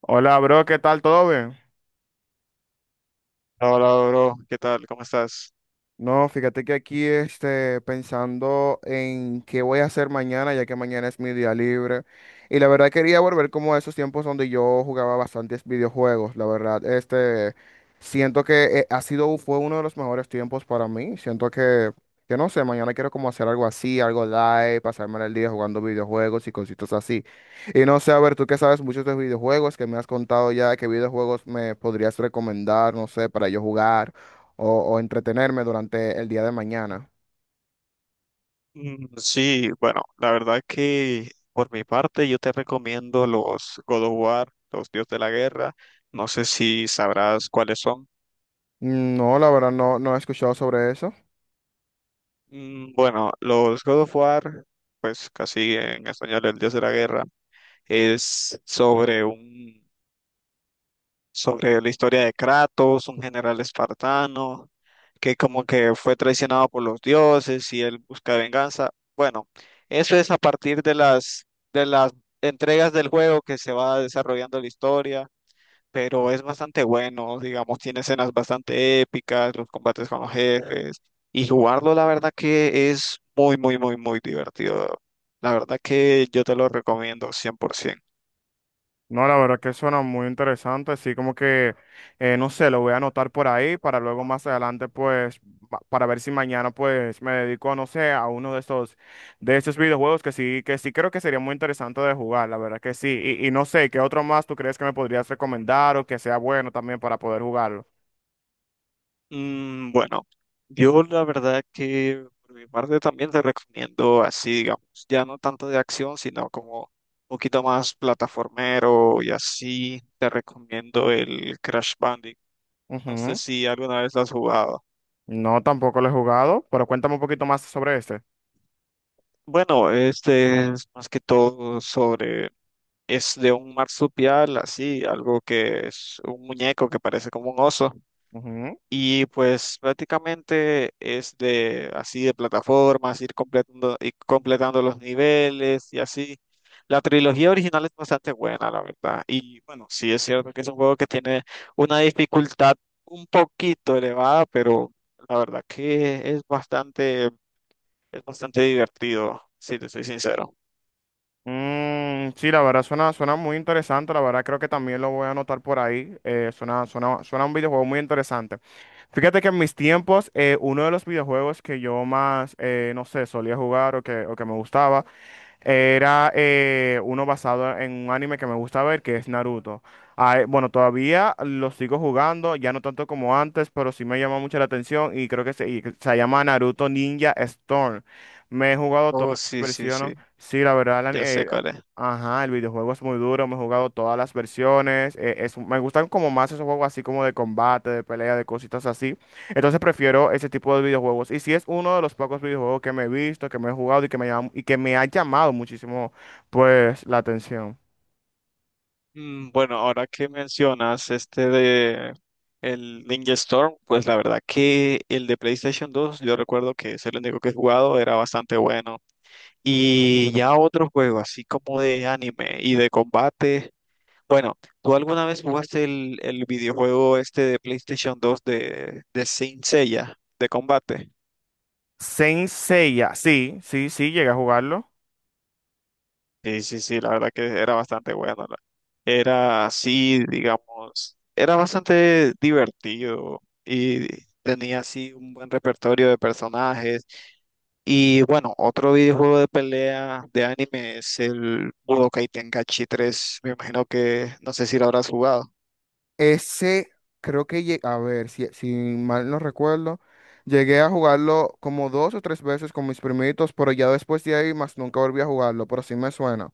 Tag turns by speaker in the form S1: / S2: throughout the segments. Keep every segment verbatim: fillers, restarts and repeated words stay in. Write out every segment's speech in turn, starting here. S1: Hola, bro, ¿qué tal? ¿Todo bien?
S2: Hola, bro, ¿qué tal? ¿Cómo estás?
S1: No, fíjate que aquí este, pensando en qué voy a hacer mañana, ya que mañana es mi día libre. Y la verdad quería volver como a esos tiempos donde yo jugaba bastantes videojuegos. La verdad, este, siento que eh, ha sido, fue uno de los mejores tiempos para mí. Siento que, que no sé, mañana quiero como hacer algo así, algo live, pasarme el día jugando videojuegos y cositas así. Y no sé, a ver, tú que sabes mucho de videojuegos, que me has contado ya, qué videojuegos me podrías recomendar, no sé, para yo jugar. O, o entretenerme durante el día de mañana.
S2: Mm, Sí, bueno, la verdad que por mi parte yo te recomiendo los God of War, los Dios de la Guerra. No sé si sabrás cuáles son.
S1: No, la verdad no, no he escuchado sobre eso.
S2: Mm, Bueno, los God of War, pues casi en español el Dios de la Guerra, es sobre un sobre la historia de Kratos, un general espartano que como que fue traicionado por los dioses y él busca venganza. Bueno, eso es a partir de las de las entregas del juego que se va desarrollando la historia, pero es bastante bueno, digamos, tiene escenas bastante épicas, los combates con los jefes y jugarlo la verdad que es muy muy muy muy divertido. La verdad que yo te lo recomiendo cien por ciento.
S1: No, la verdad que suena muy interesante, así como que, eh, no sé, lo voy a anotar por ahí para luego más adelante, pues, pa- para ver si mañana, pues, me dedico, no sé, a uno de estos, de estos videojuegos que sí, que sí creo que sería muy interesante de jugar, la verdad que sí. Y, y no sé, ¿qué otro más tú crees que me podrías recomendar o que sea bueno también para poder jugarlo?
S2: Mm, bueno, yo la verdad que por mi parte también te recomiendo así, digamos, ya no tanto de acción, sino como un poquito más plataformero y así, te recomiendo el Crash Bandicoot. No sé
S1: Ujú.
S2: si alguna vez lo has jugado.
S1: No, tampoco lo he jugado, pero cuéntame un poquito más sobre este.
S2: Bueno, este es más que todo sobre, es de un marsupial, así, algo que es un muñeco que parece como un oso.
S1: Ujú.
S2: Y pues prácticamente es de así de plataformas, ir completando, ir completando los niveles y así. La trilogía original es bastante buena, la verdad. Y bueno, sí es cierto que es un juego que tiene una dificultad un poquito elevada, pero la verdad que es bastante, es bastante divertido, si te soy sincero.
S1: Mm, sí, la verdad suena, suena muy interesante, la verdad creo que también lo voy a anotar por ahí, eh, suena, suena, suena un videojuego muy interesante. Fíjate que en mis tiempos, eh, uno de los videojuegos que yo más, eh, no sé, solía jugar o que, o que me gustaba era eh, uno basado en un anime que me gusta ver, que es Naruto. Ah, eh, bueno, todavía lo sigo jugando, ya no tanto como antes, pero sí me llama mucho la atención y creo que se, y que se llama Naruto Ninja Storm. Me he jugado todas
S2: Oh,
S1: las
S2: sí, sí,
S1: versiones.
S2: sí,
S1: Sí, la verdad, la-
S2: ya sé
S1: eh,
S2: cuál es.
S1: ajá, el videojuego es muy duro, me he jugado todas las versiones. Eh, es- me gustan como más esos juegos así como de combate, de pelea, de cositas así. Entonces prefiero ese tipo de videojuegos. Y si es uno de los pocos videojuegos que me he visto, que me he jugado y que me, llam- y que me ha llamado muchísimo, pues, la atención.
S2: Mm, Bueno, ahora que mencionas este de el Ninja Storm, pues la verdad que el de PlayStation dos, yo recuerdo que es el único que he jugado, era bastante bueno. Y ya otro juego, así como de anime y de combate. Bueno, ¿tú alguna vez jugaste el, el videojuego este de PlayStation dos de, de Saint Seiya, de combate?
S1: Saint Seiya, sí, sí, sí, llegué a jugarlo.
S2: Sí, sí, sí, la verdad que era bastante bueno. la- Era así, digamos, era bastante divertido y tenía así un buen repertorio de personajes. Y bueno, otro videojuego de pelea de anime es el Budokai Tenkaichi tres. Me imagino que no sé si lo habrás jugado.
S1: Ese, creo que, lle- a ver, si, si mal no recuerdo, llegué a jugarlo como dos o tres veces con mis primitos, pero ya después de ahí más nunca volví a jugarlo, pero sí me suena.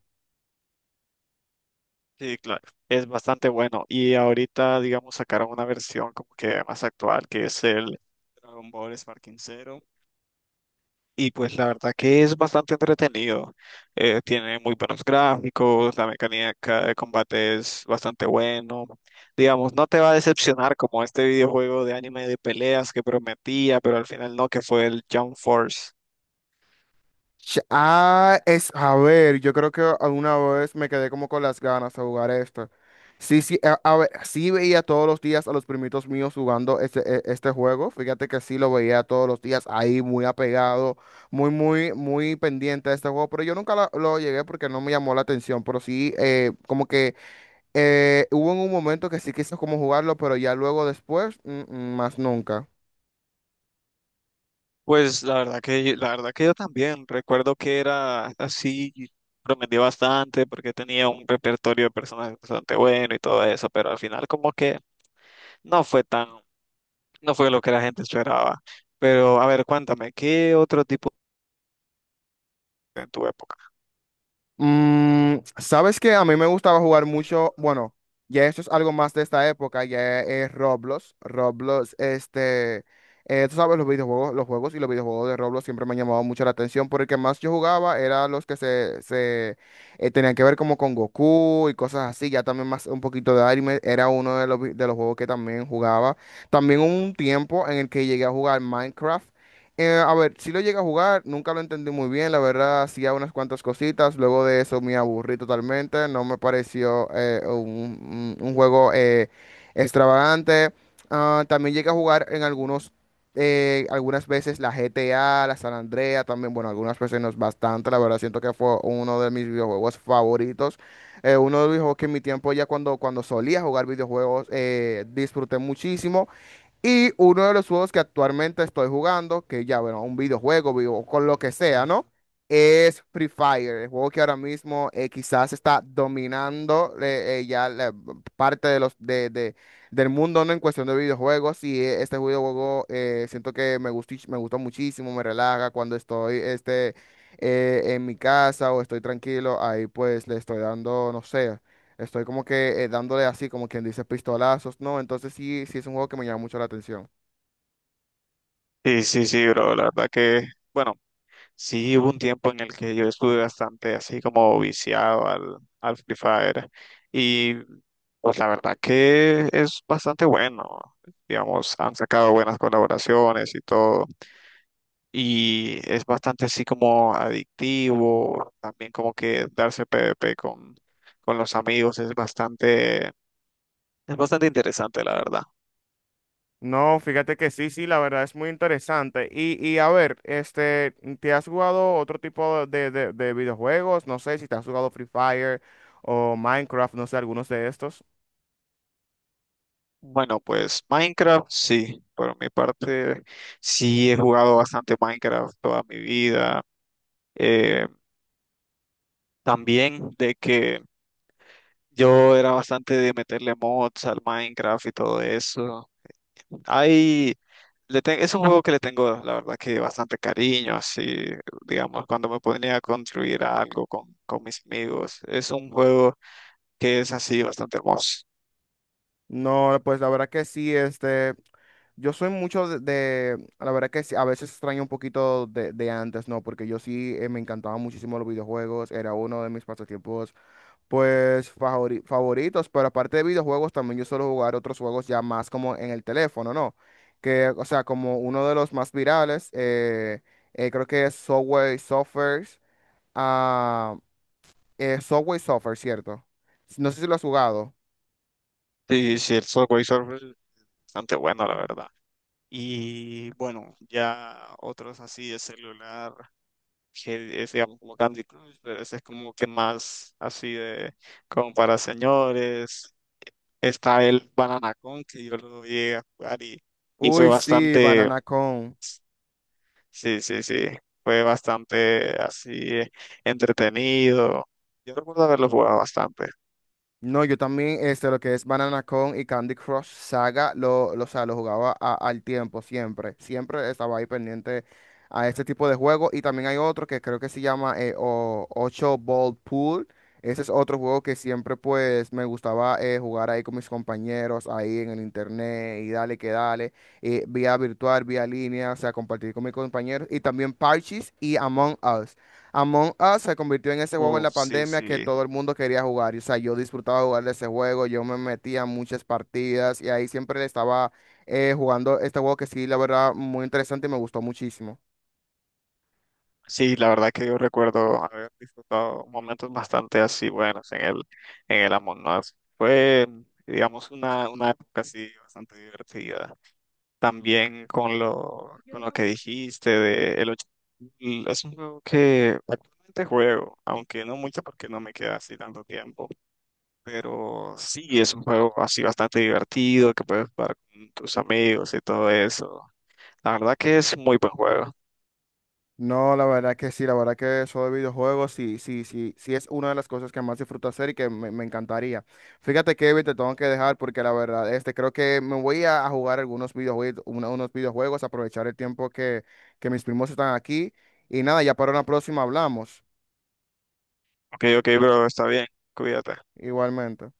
S2: Sí, claro. Es bastante bueno. Y ahorita, digamos, sacaron una versión como que más actual, que es el Dragon Ball Sparking. Y pues la verdad que es bastante entretenido. Eh, tiene muy buenos gráficos, la mecánica de combate es bastante bueno. Digamos, no te va a decepcionar como este videojuego de anime de peleas que prometía, pero al final no, que fue el Jump Force.
S1: Ch- Ah, es, a ver, yo creo que alguna vez me quedé como con las ganas de jugar esto. Sí, sí, a, a ver, sí veía todos los días a los primitos míos jugando este, e- este juego. Fíjate que sí lo veía todos los días ahí, muy apegado, muy, muy, muy pendiente de este juego. Pero yo nunca la- lo llegué porque no me llamó la atención. Pero sí, eh, como que eh, hubo en un momento que sí quise como jugarlo, pero ya luego después, mm, mm, más nunca.
S2: Pues la verdad que yo- la verdad que yo también recuerdo que era así, prometía bastante porque tenía un repertorio de personajes bastante bueno y todo eso, pero al final como que no fue tan. No fue lo que la gente esperaba. Pero, a ver, cuéntame, ¿qué otro tipo en tu época?
S1: Mm, sabes que a mí me gustaba jugar mucho, bueno, ya esto es algo más de esta época, ya es Roblox, Roblox, este, eh, tú sabes, los videojuegos, los juegos y los videojuegos de Roblox siempre me han llamado mucho la atención, porque el que más yo jugaba era los que se, se eh, tenían que ver como con Goku y cosas así, ya también más un poquito de anime, era uno de los, vi- de los juegos que también jugaba, también hubo un tiempo en el que llegué a jugar Minecraft, eh, a ver, si lo llegué a jugar, nunca lo entendí muy bien, la verdad, hacía unas cuantas cositas, luego de eso me aburrí totalmente, no me pareció eh, un, un- un juego eh, extravagante. Ah, también llegué a jugar en algunos, eh, algunas veces la G T A, la San Andrea, también, bueno, algunas veces no es bastante, la verdad, siento que fue uno de mis videojuegos favoritos, eh, uno de los videojuegos que en mi tiempo ya cuando, cuando solía jugar videojuegos eh, disfruté muchísimo. Y uno de los juegos que actualmente estoy jugando, que ya, bueno, un videojuego, vivo, con lo que sea, ¿no? Es Free Fire, el juego que ahora mismo eh, quizás está dominando eh, eh, ya la parte de los, de, de- del mundo, ¿no? En cuestión de videojuegos. Y eh, este videojuego eh, siento que me gustó, me gustó muchísimo, me relaja cuando estoy este, eh, en mi casa o estoy tranquilo. Ahí pues le estoy dando, no sé. Estoy como que eh, dándole así, como quien dice, pistolazos, ¿no? Entonces sí, sí es un juego que me llama mucho la atención.
S2: Sí, sí, sí, bro, la verdad que, bueno, sí hubo un tiempo en el que yo estuve bastante así como viciado al, al Free Fire y pues la verdad que es bastante bueno, digamos, han sacado buenas colaboraciones y todo y es bastante así como adictivo, también como que darse PvP con, con los amigos es bastante, es bastante interesante, la verdad.
S1: No, fíjate que sí, sí, la verdad es muy interesante. Y, y a ver, este, ¿te has jugado otro tipo de, de, de videojuegos? No sé si te has jugado Free Fire o Minecraft, no sé, algunos de estos.
S2: Bueno, pues Minecraft, sí, por mi parte, sí he jugado bastante Minecraft toda mi vida. Eh, También de que yo era bastante de meterle mods al Minecraft y todo eso. Hay, le te- es un juego que le tengo, la verdad, que bastante cariño, así, digamos, cuando me ponía a construir algo con, con mis amigos. Es un juego que es así bastante hermoso.
S1: No, pues la verdad que sí, este, yo soy mucho de, de- la verdad que sí, a veces extraño un poquito de, de antes, ¿no? Porque yo sí eh, me encantaban muchísimo los videojuegos, era uno de mis pasatiempos pues favori- favoritos, pero aparte de videojuegos, también yo suelo jugar otros juegos ya más como en el teléfono, ¿no? Que, o sea, como uno de los más virales, eh, eh, creo que es Subway Surfers. Ah, eh, Subway Surfers, ¿cierto? No sé si lo has jugado.
S2: Sí, sí, el Subway Surfers es bastante bueno, la verdad. Y bueno, ya otros así de celular, que es digamos como Candy Crush, pero ese es como que más así de como para señores. Está el Banana Con, que yo lo llegué a jugar y, y fue
S1: Uy, sí,
S2: bastante,
S1: Banana Con.
S2: sí, sí, sí, fue bastante así eh, entretenido. Yo recuerdo haberlo jugado bastante.
S1: No, yo también, este, lo que es Banana Con y Candy Crush Saga, lo, lo, o sea, lo jugaba a- al tiempo, siempre. Siempre estaba ahí pendiente a este tipo de juego. Y también hay otro que creo que se llama eh, o, ocho Ball Pool. Ese es otro juego que siempre, pues, me gustaba eh, jugar ahí con mis compañeros, ahí en el internet, y dale que dale, eh, vía virtual, vía línea, o sea, compartir con mis compañeros. Y también Parchís y Among Us. Among Us se convirtió en ese juego en la
S2: Uf, sí,
S1: pandemia que
S2: sí.
S1: todo el mundo quería jugar. Y, o sea, yo disfrutaba jugar de ese juego, yo me metía a muchas partidas y ahí siempre estaba eh, jugando este juego que sí, la verdad, muy interesante y me gustó muchísimo.
S2: Sí, la verdad que yo recuerdo haber disfrutado momentos bastante así buenos en el, en el Among Us. Fue, digamos, una, una época así bastante divertida. También con lo, con lo que dijiste de el ocho- es un juego que actualmente juego, aunque no mucho porque no me queda así tanto tiempo. Pero sí, es un juego así bastante divertido que puedes jugar con tus amigos y todo eso. La verdad que es muy buen juego.
S1: No, la verdad que sí, la verdad que eso de videojuegos sí, sí, sí, sí es una de las cosas que más disfruto hacer y que me, me encantaría. Fíjate, Kevin, te tengo que dejar porque la verdad, este, creo que me voy a, a jugar algunos videojuegos, unos videojuegos, aprovechar el tiempo que, que mis primos están aquí. Y nada, ya para una próxima hablamos.
S2: Ok, ok, bro, está bien, cuídate.
S1: Igualmente.